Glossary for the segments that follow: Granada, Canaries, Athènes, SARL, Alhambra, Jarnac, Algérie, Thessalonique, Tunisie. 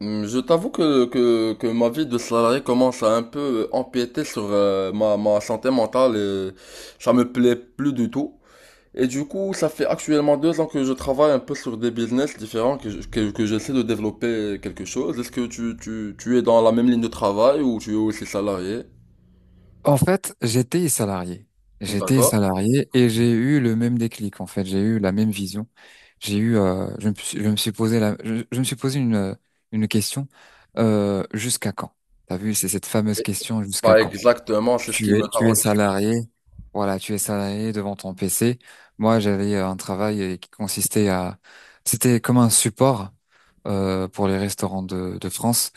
Je t'avoue que ma vie de salarié commence à un peu empiéter sur ma santé mentale et ça me plaît plus du tout. Et du coup, ça fait actuellement 2 ans que je travaille un peu sur des business différents, que j'essaie de développer quelque chose. Est-ce que tu es dans la même ligne de travail ou tu es aussi salarié? En fait, j'étais salarié. J'étais D'accord. salarié et j'ai eu le même déclic, en fait. J'ai eu la même vision. Je me suis posé je me suis posé une question, jusqu'à quand? T'as vu, c'est cette fameuse Et- question, jusqu'à Bah quand? exactement, c'est ce qui Tu es, me tu es taraude. salarié. Voilà, tu es salarié devant ton PC. Moi, j'avais un travail qui consistait à, c'était comme un support, pour les restaurants de France,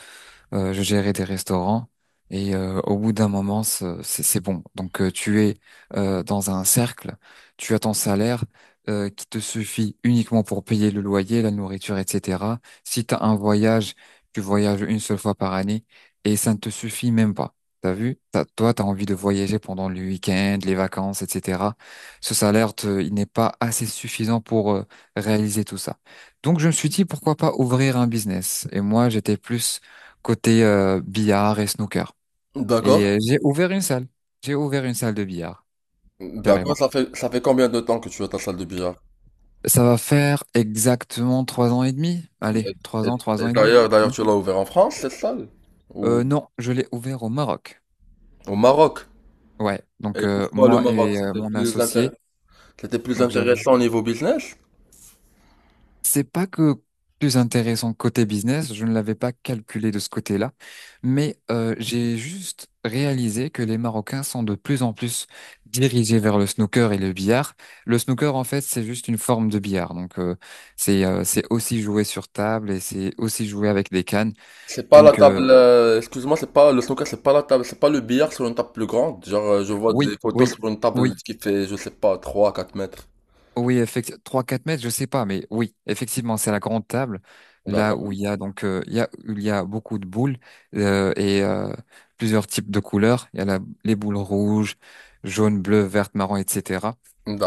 je gérais des restaurants et, au bout d'un moment, c'est bon. Donc, tu es, dans un cercle, tu as ton salaire qui te suffit uniquement pour payer le loyer, la nourriture, etc. Si tu as un voyage, tu voyages une seule fois par année et ça ne te suffit même pas. T'as vu? Toi, tu as envie de voyager pendant le week-end, les vacances, etc. Ce salaire, il n'est pas assez suffisant pour réaliser tout ça. Donc, je me suis dit, pourquoi pas ouvrir un business? Et moi, j'étais plus côté billard et snooker. Et D'accord. J'ai ouvert une salle. J'ai ouvert une salle de billard, D'accord, carrément. ça fait combien de temps que tu as ta salle de billard? Ça va faire exactement 3 ans et demi. Et, Allez, et- trois ans, trois et ans et demi. d'ailleurs, Oui. tu l'as ouvert en France, cette salle? Ou Non, je l'ai ouvert au Maroc. au Maroc. Ouais, donc, Et pourquoi le moi Maroc? et, mon associé, C'était plus donc j'avais intéressant au niveau business. C'est pas que plus intéressant côté business, je ne l'avais pas calculé de ce côté-là, mais j'ai juste réalisé que les Marocains sont de plus en plus dirigés vers le snooker et le billard. Le snooker, en fait, c'est juste une forme de billard, donc, c'est aussi jouer sur table et c'est aussi jouer avec des cannes. C'est pas la Donc, table, excuse-moi, c'est pas le snooker, c'est pas la table, c'est pas le billard sur une table plus grande. Genre, je vois oui, des photos oui, sur une table oui. qui fait, je sais pas, 3, à 4 mètres. Oui, effectivement, trois quatre mètres, je sais pas, mais oui, effectivement, c'est la grande table, là D'accord, où il y a donc il y a beaucoup de boules, et plusieurs types de couleurs. Il y a les boules rouges, jaunes, bleues, vertes, marron, etc.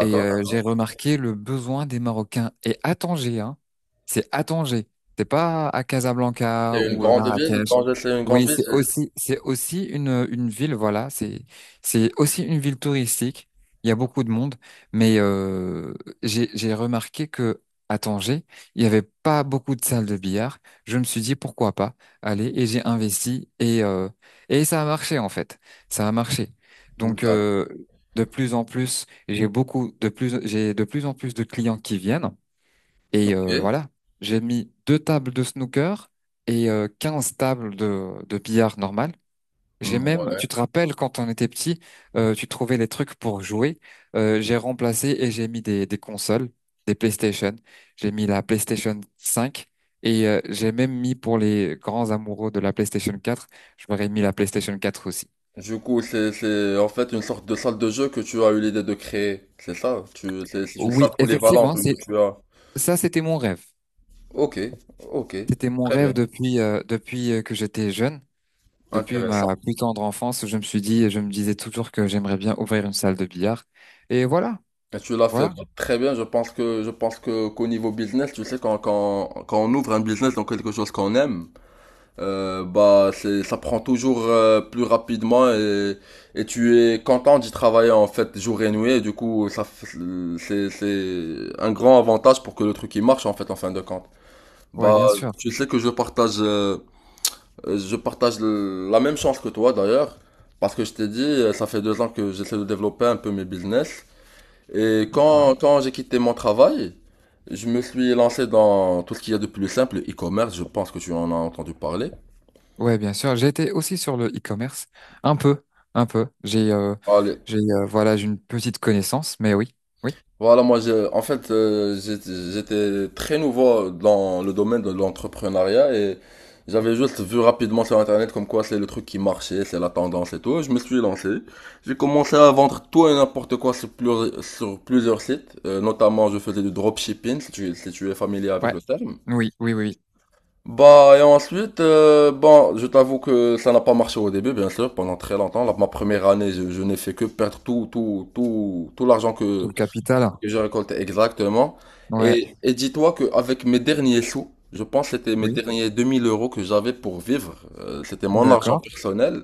Et j'ai d'accord. remarqué le besoin des Marocains. Et à Tanger, hein, c'est à Tanger, c'est pas à Casablanca C'est une ou grande ville, Marrakech. Tanger, c'est une grande Oui, ville. C'est aussi une ville, voilà, c'est aussi une ville touristique. Il y a beaucoup de monde. Mais j'ai remarqué que à Tanger, il n'y avait pas beaucoup de salles de billard. Je me suis dit pourquoi pas aller et j'ai investi et ça a marché en fait. Ça a marché. Donc, D'accord, de plus en plus, j'ai de plus en plus de clients qui viennent et, ok. voilà. J'ai mis deux tables de snooker et, 15 tables de billard normal. J'ai Hmm, même, tu ouais. te rappelles quand on était petit, tu trouvais les trucs pour jouer. J'ai remplacé et j'ai mis des consoles, des PlayStation. J'ai mis la PlayStation 5 et, j'ai même mis pour les grands amoureux de la PlayStation 4, je m'aurais mis la PlayStation 4 aussi. Du coup, c'est en fait une sorte de salle de jeu que tu as eu l'idée de créer. C'est ça, c'est une Oui, salle polyvalente effectivement, c'est que tu as. ça, c'était mon rêve. Ok, ok, C'était mon très rêve bien, depuis, que j'étais jeune, depuis intéressant. ma plus tendre enfance. Je me suis dit, je me disais toujours que j'aimerais bien ouvrir une salle de billard. Et voilà, Et tu l'as fait voilà, bah, très bien. Je pense que qu'au niveau business, tu sais, quand on ouvre un business dans quelque chose qu'on aime, bah c'est ça prend toujours plus rapidement et tu es content d'y travailler en fait jour et nuit. Et du coup, c'est un grand avantage pour que le truc il marche en fait en fin de compte. ouais, Bah bien sûr. tu sais que je partage la même chance que toi d'ailleurs parce que je t'ai dit ça fait deux ans que j'essaie de développer un peu mes business. Et quand j'ai quitté mon travail, je me suis lancé dans tout ce qu'il y a de plus simple, le e-commerce, je pense que tu en as entendu parler. Ouais, bien sûr. J'ai été aussi sur le e-commerce, un peu, un peu. Allez. Voilà, j'ai une petite connaissance, mais oui, oui, Voilà, moi, en fait, j'étais très nouveau dans le domaine de l'entrepreneuriat et j'avais juste vu rapidement sur Internet comme quoi c'est le truc qui marchait, c'est la tendance et tout. Je me suis lancé. J'ai commencé à vendre tout et n'importe quoi sur plusieurs sites. Notamment, je faisais du dropshipping, si tu es familier avec ouais, le terme. oui, oui, oui, oui. Bah, et ensuite, bon, je t'avoue que ça n'a pas marché au début, bien sûr, pendant très longtemps. Ma première année, je n'ai fait que perdre tout, tout, tout, tout l'argent que, Tout le capital, que j'ai récolté exactement. Et, ouais, et dis-toi qu'avec mes derniers sous, je pense que c'était mes oui, derniers 2 000 euros que j'avais pour vivre, c'était mon argent d'accord. personnel.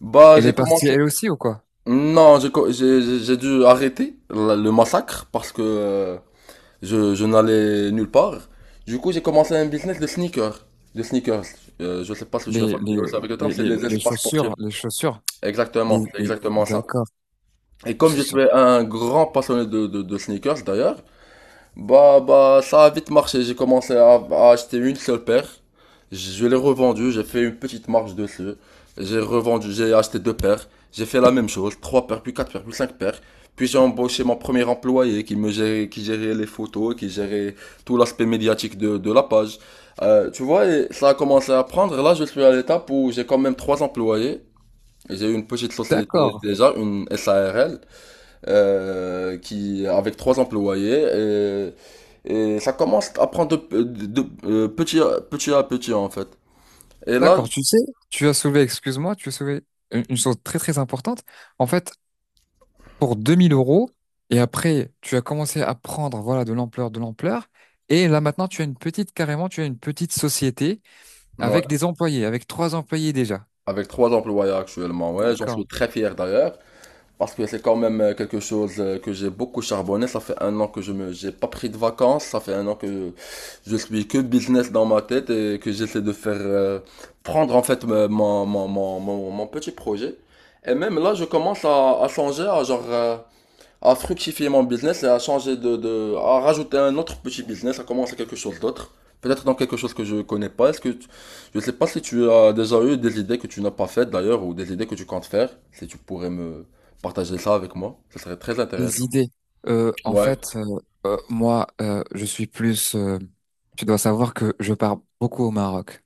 Bah, Et j'ai les parties, commencé. elles aussi ou quoi? Non, j'ai, co- j'ai dû arrêter le massacre parce que, je n'allais nulle part. Du coup, j'ai commencé un business de sneakers. De sneakers. Je sais pas si je suis Les, familier les, aussi avec le terme, les, c'est les, les les espaces chaussures, sportifs. les chaussures, Exactement, c'est exactement ça. d'accord, Et les comme je suis chaussures, un grand passionné de sneakers d'ailleurs, bah, ça a vite marché. J'ai commencé à acheter une seule paire. Je l'ai revendue, j'ai fait une petite marge dessus. J'ai revendu, j'ai acheté deux paires. J'ai fait la même chose, trois paires, puis quatre paires, puis cinq paires. Puis j'ai embauché mon premier employé qui me gérait, qui gérait les photos, qui gérait tout l'aspect médiatique de la page. Tu vois, et ça a commencé à prendre. Là, je suis à l'étape où j'ai quand même trois employés. J'ai une petite société d'accord, déjà, une SARL qui, avec trois employés. Et ça commence à prendre petit à petit, en fait. Et là, d'accord. Tu sais, tu as soulevé, excuse-moi, tu as soulevé une chose très très importante. En fait, pour 2000 euros. Et après, tu as commencé à prendre, voilà, de l'ampleur, de l'ampleur. Et là, maintenant, tu as une petite, carrément, tu as une petite société ouais, avec des employés, avec trois employés déjà. avec trois employés actuellement, ouais, j'en D'accord. suis très fier d'ailleurs. Parce que c'est quand même quelque chose que j'ai beaucoup charbonné. Ça fait un an que j'ai pas pris de vacances. Ça fait un an que je suis que business dans ma tête et que j'essaie de faire prendre en fait mon petit projet. Et même là, je commence à songer à genre, à fructifier mon business et à changer à rajouter un autre petit business, à commencer quelque chose d'autre. Peut-être dans quelque chose que je connais pas. Est-ce que je sais pas si tu as déjà eu des idées que tu n'as pas faites d'ailleurs ou des idées que tu comptes faire. Si tu pourrais me partager ça avec moi, ce serait très Des intéressant. idées. Euh, en Ouais, fait, euh, Moi, je suis plus, tu dois savoir que je pars beaucoup au Maroc.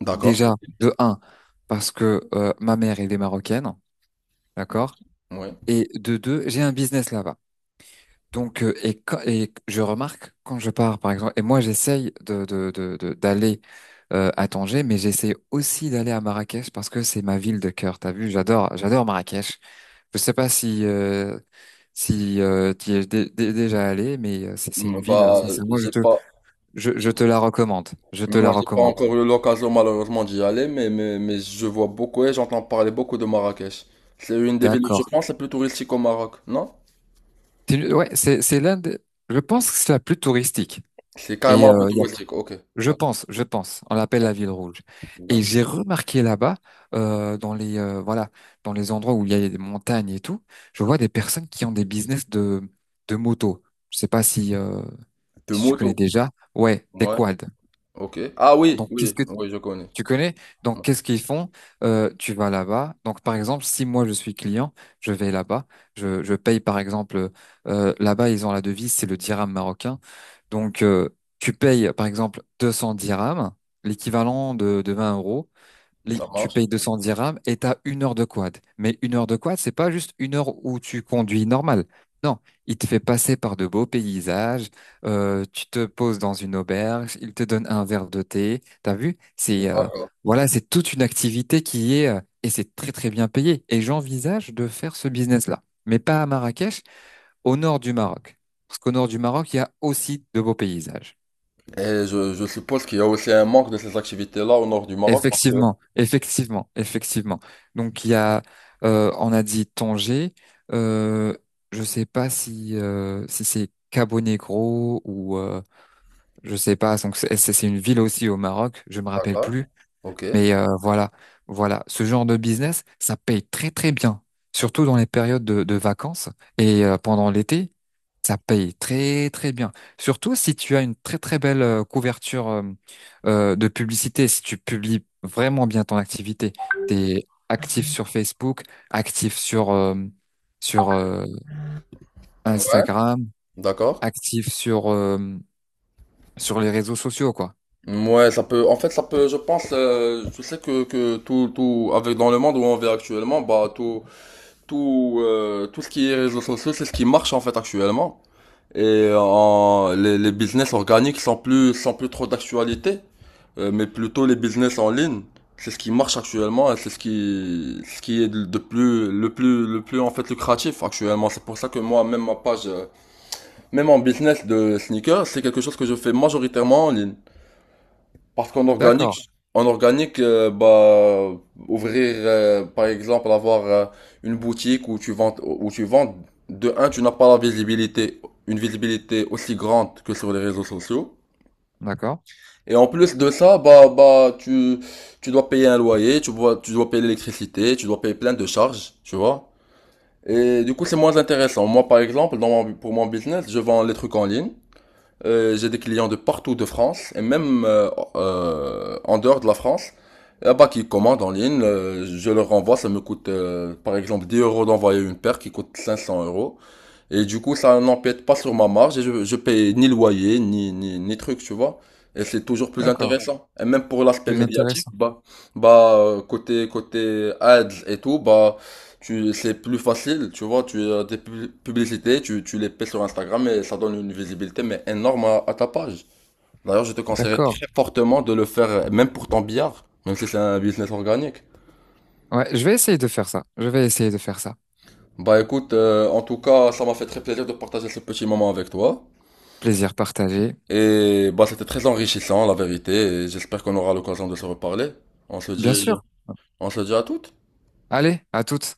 d'accord. Déjà, de un, parce que, ma mère, elle est marocaine. D'accord? Ouais. Et de deux, j'ai un business là-bas. Donc, et je remarque quand je pars, par exemple, et moi j'essaye d'aller, à Tanger, mais j'essaye aussi d'aller à Marrakech parce que c'est ma ville de cœur. T'as vu, j'adore, j'adore Marrakech. Je sais pas si, tu y es déjà allé, mais, c'est une Mm, ville. bah, Sincèrement, j'ai pas, je j'ai- te la recommande. Je te la moi, j'ai pas recommande. encore eu l'occasion malheureusement d'y aller, mais je vois beaucoup et j'entends parler beaucoup de Marrakech. C'est une des villes, je D'accord. pense, les plus touristiques au Maroc, non? Ouais, c'est l'un des. Je pense que c'est la plus touristique. C'est Et carrément un peu il tout y a Westwick. Ok, je d'accord, pense, je pense. On l'appelle la ville rouge. Et j'ai d'accord. remarqué là-bas, euh, dans les euh, voilà, dans les endroits où il y a des montagnes et tout, je vois des personnes qui ont des business de moto. Je sais pas si, De si tu connais moto. déjà. Ouais, des Ouais, quads. ok. Ah oui, Donc, oui, qu'est-ce que oui, je connais. tu connais? Ouais, Donc, qu'est-ce qu'ils font? Tu vas là-bas. Donc, par exemple, si moi je suis client, je vais là-bas. Je paye, par exemple, là-bas, ils ont la devise, c'est le dirham marocain. Donc, tu payes, par exemple, 200 dirhams, l'équivalent de 20 euros. Ça Tu marche. payes 200 dirhams et tu as une heure de quad. Mais une heure de quad, c'est pas juste une heure où tu conduis normal. Non, il te fait passer par de beaux paysages, tu te poses dans une auberge, il te donne un verre de thé. T'as vu? C'est, D'accord. voilà, c'est toute une activité qui est, et c'est très très bien payé. Et j'envisage de faire ce business-là, mais pas à Marrakech, au nord du Maroc, parce qu'au nord du Maroc, il y a aussi de beaux paysages. Et je suppose qu'il y a aussi un manque de ces activités-là au nord du Maroc. Effectivement, effectivement, effectivement. Donc il y a, on a dit Tanger. Euh, je sais pas si, si c'est Cabo Negro ou, je sais pas. Donc c'est une ville aussi au Maroc. Je me rappelle D'accord. plus. Ok. Mais, voilà, voilà, ce genre de business, ça paye très très bien, surtout dans les périodes de vacances et, pendant l'été, ça paye très très bien. Surtout si tu as une très très belle couverture, de publicité, si tu publies vraiment bien ton activité, t'es actif sur Facebook, actif sur Ouais, Instagram, d'accord. actif sur les réseaux sociaux, quoi. Ouais, ça peut, en fait, ça peut, je pense, je sais que tout, avec dans le monde où on vit actuellement, bah, tout ce qui est réseaux sociaux, c'est ce qui marche, en fait, actuellement. Et les business organiques sont plus trop d'actualité, mais plutôt les business en ligne. C'est ce qui marche actuellement et c'est ce qui est de plus, le plus, le plus en fait lucratif actuellement. C'est pour ça que moi, même ma page, même en business de sneakers, c'est quelque chose que je fais majoritairement en ligne. Parce qu'en D'accord, organique, bah, par exemple, avoir une boutique où tu vends, de un, tu n'as pas la visibilité, une visibilité aussi grande que sur les réseaux sociaux. d'accord, Et en plus de ça, bah, tu dois payer un loyer, tu dois payer l'électricité, tu dois payer plein de charges, tu vois. Et du coup, c'est moins intéressant. Moi, par exemple, dans pour mon business, je vends les trucs en ligne. J'ai des clients de partout de France et même en dehors de la France. Là-bas, qui commandent en ligne, je leur renvoie. Ça me coûte, par exemple, 10 euros d'envoyer une paire qui coûte 500 euros. Et du coup, ça n'empiète pas sur ma marge et je paye ni loyer, ni truc, tu vois. Et c'est toujours plus d'accord. intéressant. Et même pour l'aspect Plus médiatique, intéressant. bah, côté ads et tout, bah, c'est plus facile, tu vois. Tu as des publicités, tu les payes sur Instagram et ça donne une visibilité, mais énorme à ta page. D'ailleurs, je te conseillerais D'accord. très fortement de le faire, même pour ton billard, même si c'est un business organique. Ouais, je vais essayer de faire ça. Je vais essayer de faire ça. Bah, écoute, en tout cas, ça m'a fait très plaisir de partager ce petit moment avec toi. Plaisir partagé, Et bah, c'était très enrichissant, la vérité. Et j'espère qu'on aura l'occasion de se reparler. On se bien dit, sûr. on se dit à toutes. Allez, à toutes.